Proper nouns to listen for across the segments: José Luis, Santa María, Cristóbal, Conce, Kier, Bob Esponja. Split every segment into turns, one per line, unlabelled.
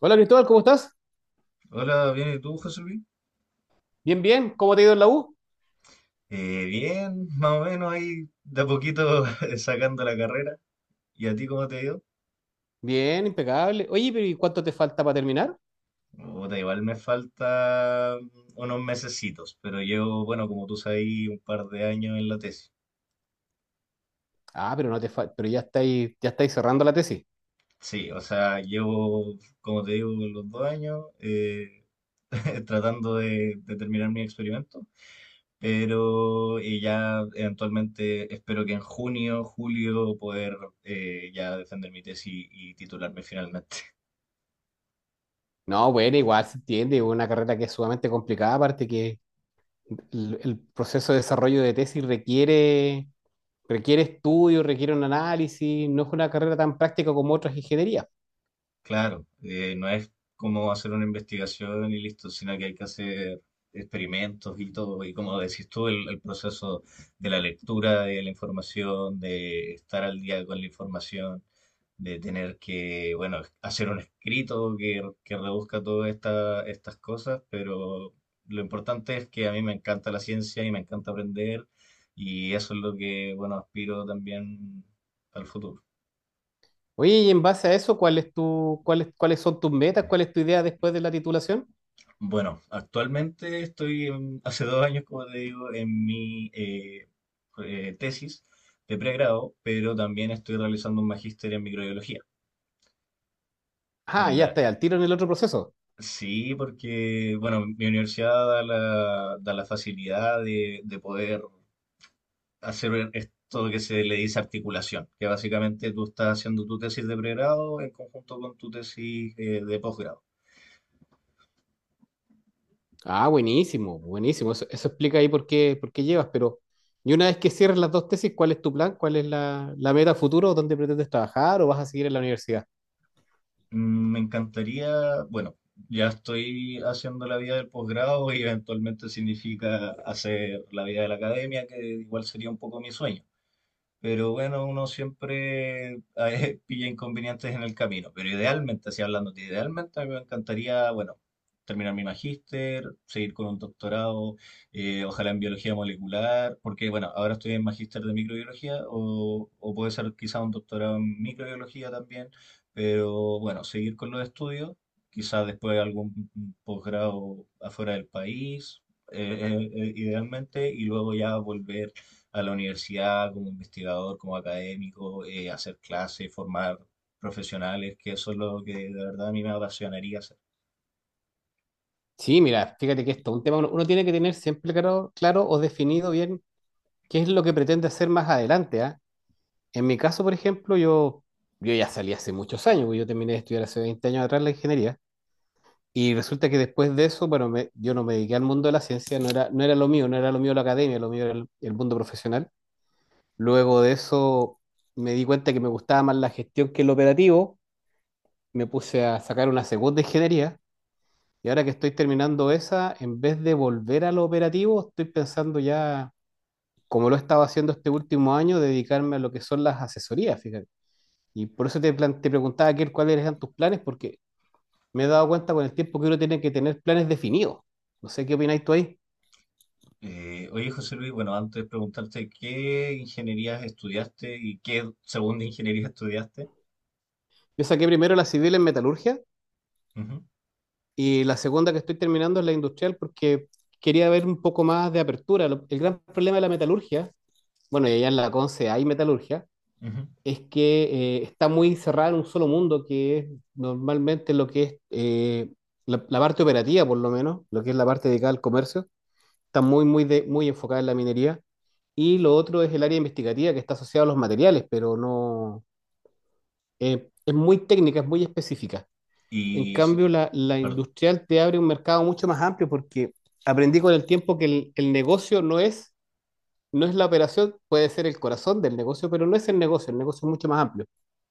Hola Cristóbal, ¿cómo estás?
Hola, bien, ¿y tú, José Luis?
Bien. ¿Cómo te ha ido en la U?
Bien, más o menos ahí de a poquito sacando la carrera. ¿Y a ti cómo te ha ido?
Bien, impecable. Oye, pero ¿y cuánto te falta para terminar?
Puta, igual me falta unos mesecitos, pero llevo, bueno, como tú sabes, un par de años en la tesis.
Ah, pero no te falta, pero ya estáis cerrando la tesis.
Sí, o sea, llevo, como te digo, los 2 años tratando de terminar mi experimento, pero ya eventualmente espero que en junio, julio, poder ya defender mi tesis y titularme finalmente.
No, bueno, igual se entiende, es una carrera que es sumamente complicada, aparte que el proceso de desarrollo de tesis requiere estudio, requiere un análisis, no es una carrera tan práctica como otras ingenierías.
Claro, no es como hacer una investigación y listo, sino que hay que hacer experimentos y todo. Y como decís tú, el proceso de la lectura de la información, de estar al día con la información, de tener que, bueno, hacer un escrito que reduzca todas estas cosas, pero lo importante es que a mí me encanta la ciencia y me encanta aprender y eso es lo que, bueno, aspiro también al futuro.
Oye, y en base a eso, ¿cuáles son tus metas? ¿Cuál es tu idea después de la titulación?
Bueno, actualmente hace 2 años, como te digo, en mi tesis de pregrado, pero también estoy realizando un magíster en microbiología.
Ah,
En
ya
la...
está, al tiro en el otro proceso.
Sí, porque, bueno, mi universidad da la facilidad de poder hacer esto que se le dice articulación, que básicamente tú estás haciendo tu tesis de pregrado en conjunto con tu tesis de posgrado.
Buenísimo. Eso explica ahí por qué llevas, pero y una vez que cierres las dos tesis, ¿cuál es tu plan? ¿Cuál es la meta futuro? ¿Dónde pretendes trabajar o vas a seguir en la universidad?
Me encantaría, bueno, ya estoy haciendo la vida del posgrado y eventualmente significa hacer la vida de la academia, que igual sería un poco mi sueño. Pero bueno, uno siempre a veces pilla inconvenientes en el camino. Pero idealmente, así hablando, idealmente a mí me encantaría, bueno, terminar mi magíster, seguir con un doctorado, ojalá en biología molecular, porque bueno, ahora estoy en magíster de microbiología o puede ser quizá un doctorado en microbiología también. Pero bueno, seguir con los estudios, quizás después algún posgrado afuera del país, idealmente, y luego ya volver a la universidad como investigador, como académico, hacer clases, formar profesionales, que eso es lo que de verdad a mí me apasionaría hacer.
Sí, mira, fíjate que esto es un tema, uno tiene que tener siempre claro o definido bien qué es lo que pretende hacer más adelante, ¿ah? En mi caso, por ejemplo, yo ya salí hace muchos años, porque yo terminé de estudiar hace 20 años atrás la ingeniería, y resulta que después de eso, bueno, yo no me dediqué al mundo de la ciencia, no era lo mío, no era lo mío la academia, lo mío era el mundo profesional. Luego de eso me di cuenta que me gustaba más la gestión que el operativo, me puse a sacar una segunda ingeniería y ahora que estoy terminando esa, en vez de volver a lo operativo, estoy pensando ya, como lo he estado haciendo este último año, dedicarme a lo que son las asesorías, fíjate. Y por eso te preguntaba, Kier, cuáles eran tus planes, porque me he dado cuenta con el tiempo que uno tiene que tener planes definidos. No sé qué opináis tú ahí.
Oye, José Luis, bueno, antes de preguntarte qué ingenierías estudiaste y qué segunda ingeniería estudiaste.
Yo saqué primero la civil en metalurgia. Y la segunda que estoy terminando es la industrial porque quería ver un poco más de apertura. El gran problema de la metalurgia, bueno, y allá en la Conce hay metalurgia,
Ujú, ujú.
es que está muy cerrada en un solo mundo, que es normalmente lo que es la parte operativa, por lo menos, lo que es la parte dedicada al comercio, está muy, muy enfocada en la minería. Y lo otro es el área investigativa que está asociada a los materiales, pero no es muy técnica, es muy específica. En
Y sí,
cambio, la
perdón,
industrial te abre un mercado mucho más amplio porque aprendí con el tiempo que el negocio no es la operación, puede ser el corazón del negocio, pero no es el negocio es mucho más amplio.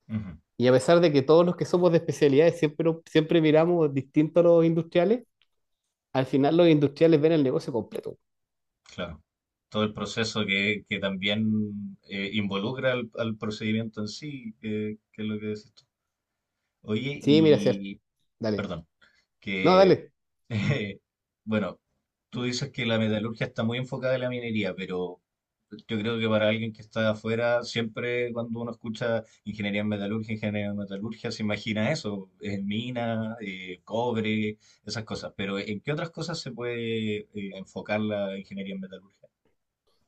ujú,
Y a pesar de que todos los que somos de especialidades siempre miramos distinto a los industriales, al final los industriales ven el negocio completo.
claro. Todo el proceso que también involucra al procedimiento en sí, que es lo que decís tú. Oye,
Sí, mira, sí,
y
dale.
perdón,
No,
que,
dale.
Eh, bueno, tú dices que la metalurgia está muy enfocada en la minería, pero yo creo que para alguien que está afuera, siempre cuando uno escucha ingeniería en metalurgia, se imagina eso, mina, cobre, esas cosas. Pero ¿en qué otras cosas se puede enfocar la ingeniería en metalurgia?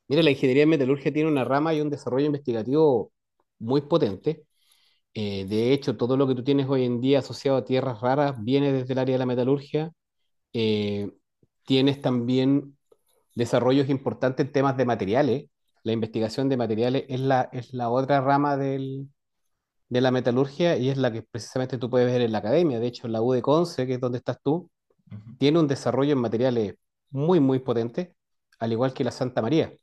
Mira, la ingeniería de metalurgia tiene una rama y un desarrollo investigativo muy potente. De hecho, todo lo que tú tienes hoy en día asociado a tierras raras viene desde el área de la metalurgia. Eh, Tienes también desarrollos importantes en temas de materiales. La investigación de materiales es es la otra rama de la metalurgia y es la que precisamente tú puedes ver en la academia. De hecho, la U de Conce, que es donde estás tú,
Ujú,
tiene un desarrollo en materiales muy, muy potente, al igual que la Santa María,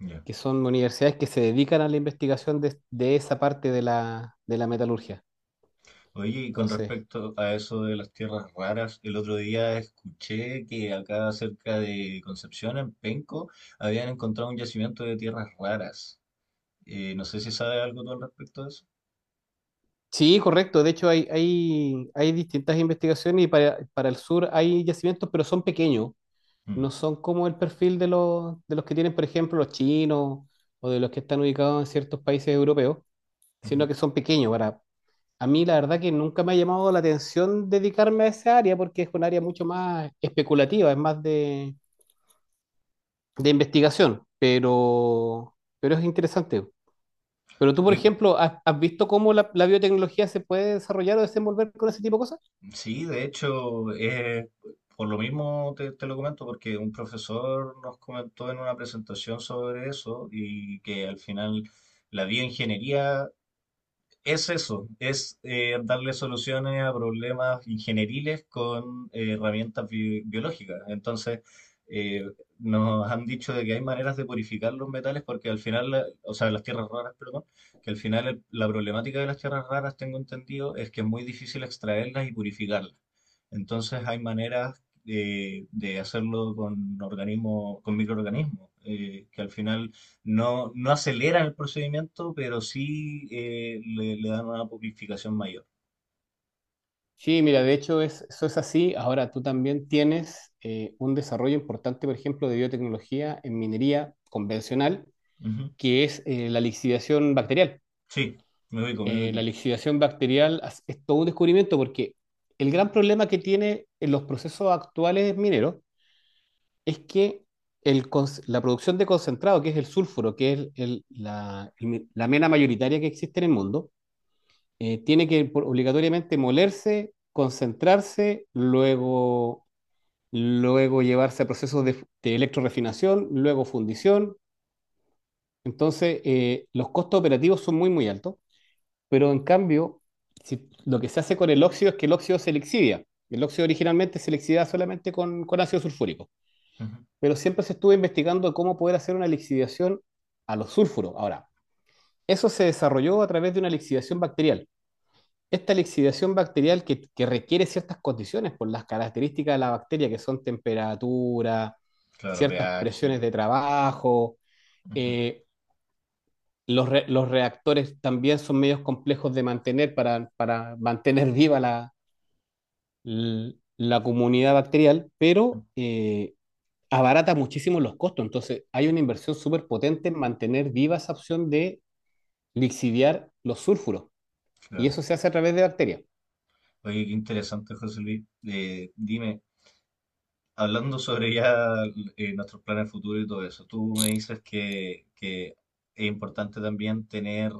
ya.
que son universidades que se dedican a la investigación de esa parte de de la metalurgia.
Oye, y con
Entonces...
respecto a eso de las tierras raras, el otro día escuché que acá cerca de Concepción, en Penco, habían encontrado un yacimiento de tierras raras. No sé si sabes algo tú al respecto de eso.
Sí, correcto. De hecho, hay distintas investigaciones y para el sur hay yacimientos, pero son pequeños.
Mm,
No son como el perfil de de los que tienen, por ejemplo, los chinos o de los que están ubicados en ciertos países europeos,
ujú.
sino que son pequeños. A mí, la verdad que nunca me ha llamado la atención dedicarme a esa área porque es un área mucho más especulativa, es más de investigación, pero es interesante. Pero tú, por
Yo-
ejemplo, ¿has, has visto cómo la biotecnología se puede desarrollar o desenvolver con ese tipo de cosas?
Sí, de hecho, por lo mismo te lo comento, porque un profesor nos comentó en una presentación sobre eso y que al final la bioingeniería es eso, es darle soluciones a problemas ingenieriles con herramientas biológicas. Entonces, eh, nos han dicho de que hay maneras de purificar los metales porque al final, o sea, las tierras raras, perdón, que al final la problemática de las tierras raras, tengo entendido, es que es muy difícil extraerlas y purificarlas. Entonces, hay maneras de hacerlo con organismos, con microorganismos, que al final no aceleran el procedimiento, pero sí le dan una purificación mayor.
Sí, mira, de hecho eso es así. Ahora tú también tienes un desarrollo importante, por ejemplo, de biotecnología en minería convencional,
Ujú.
que es la lixiviación bacterial.
Sí, me ubico, me ubico.
Es todo un descubrimiento porque el gran problema que tiene en los procesos actuales mineros es que la producción de concentrado, que es el sulfuro, que es la mena mayoritaria que existe en el mundo, tiene que obligatoriamente molerse, concentrarse, luego llevarse a procesos de electrorefinación, luego fundición. Entonces, los costos operativos son muy, muy altos, pero en cambio, lo que se hace con el óxido es que el óxido se lixidia. El óxido originalmente se lixidiaba solamente con ácido sulfúrico,
Ujú.
pero siempre se estuvo investigando cómo poder hacer una lixiviación a los sulfuros. Ahora, eso se desarrolló a través de una lixiviación bacterial. Esta lixiviación bacterial que requiere ciertas condiciones por las características de la bacteria, que son temperatura,
Claro,
ciertas
pH.
presiones de trabajo,
Ujú,
eh, los reactores también son medios complejos de mantener para mantener viva la comunidad bacterial,
ujú,
pero abarata muchísimo los costos. Entonces, hay una inversión súper potente en mantener viva esa opción de lixiviar los sulfuros, y
claro.
eso se hace a través de bacterias.
Oye, qué interesante, José Luis. Dime, hablando sobre ya nuestros planes futuros y todo eso, tú me dices que es importante también tener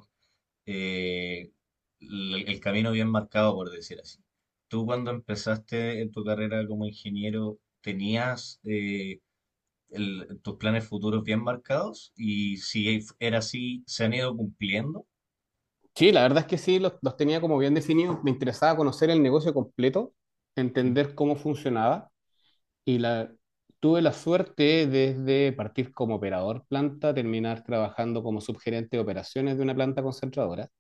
eh, el camino bien marcado, por decir así. Tú cuando empezaste en tu carrera como ingeniero, ¿tenías tus planes futuros bien marcados y si era así, se han ido cumpliendo?
Sí, la verdad es que sí, los tenía como bien definidos. Me interesaba conocer el negocio completo,
Ujú,
entender cómo funcionaba y tuve la suerte desde partir como operador planta, terminar trabajando como subgerente de operaciones de una planta concentradora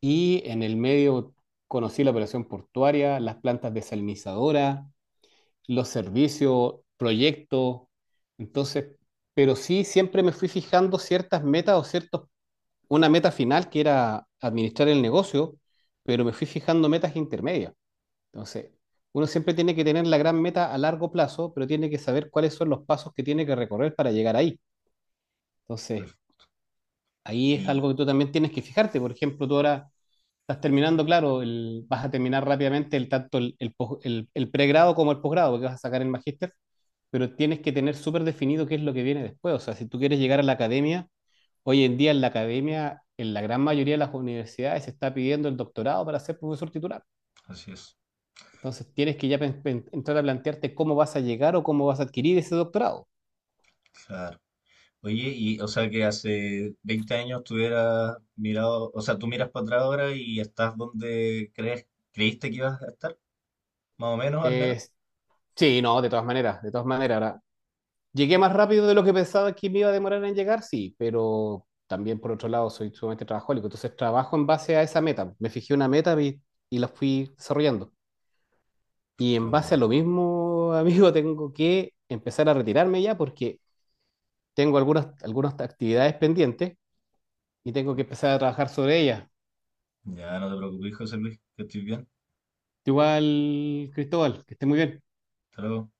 y en el medio conocí la operación portuaria, las plantas desalinizadoras, los servicios, proyectos. Entonces, pero sí siempre me fui fijando ciertas metas o ciertos una meta final que era administrar el negocio, pero me fui fijando metas intermedias. Entonces, uno siempre tiene que tener la gran meta a largo plazo, pero tiene que saber cuáles son los pasos que tiene que recorrer para llegar ahí. Entonces,
perfecto.
ahí es algo
Y
que tú también tienes que fijarte. Por ejemplo, tú ahora estás terminando, claro, vas a terminar rápidamente el el pregrado como el posgrado, porque vas a sacar el magíster, pero tienes que tener súper definido qué es lo que viene después. O sea, si tú quieres llegar a la academia, hoy en día en la academia, en la gran mayoría de las universidades, se está pidiendo el doctorado para ser profesor titular.
así es,
Entonces tienes que ya entrar a plantearte cómo vas a llegar o cómo vas a adquirir ese doctorado.
claro. Oye, y o sea que hace 20 años tú hubieras mirado, o sea, tú miras para atrás ahora y estás donde crees, creíste que ibas a estar, más o menos, al menos.
Es- sí, no, de todas maneras, de todas maneras. Ahora, llegué más rápido de lo que pensaba que me iba a demorar en llegar, sí, pero también por otro lado soy sumamente trabajólico. Entonces trabajo en base a esa meta. Me fijé una meta y la fui desarrollando. Y
Qué
en base a
bueno.
lo mismo, amigo, tengo que empezar a retirarme ya porque tengo algunas actividades pendientes y tengo que empezar a trabajar sobre ellas.
Ya no te preocupes, José Luis, que estoy bien.
Igual, Cristóbal, que esté muy bien.
Hasta luego.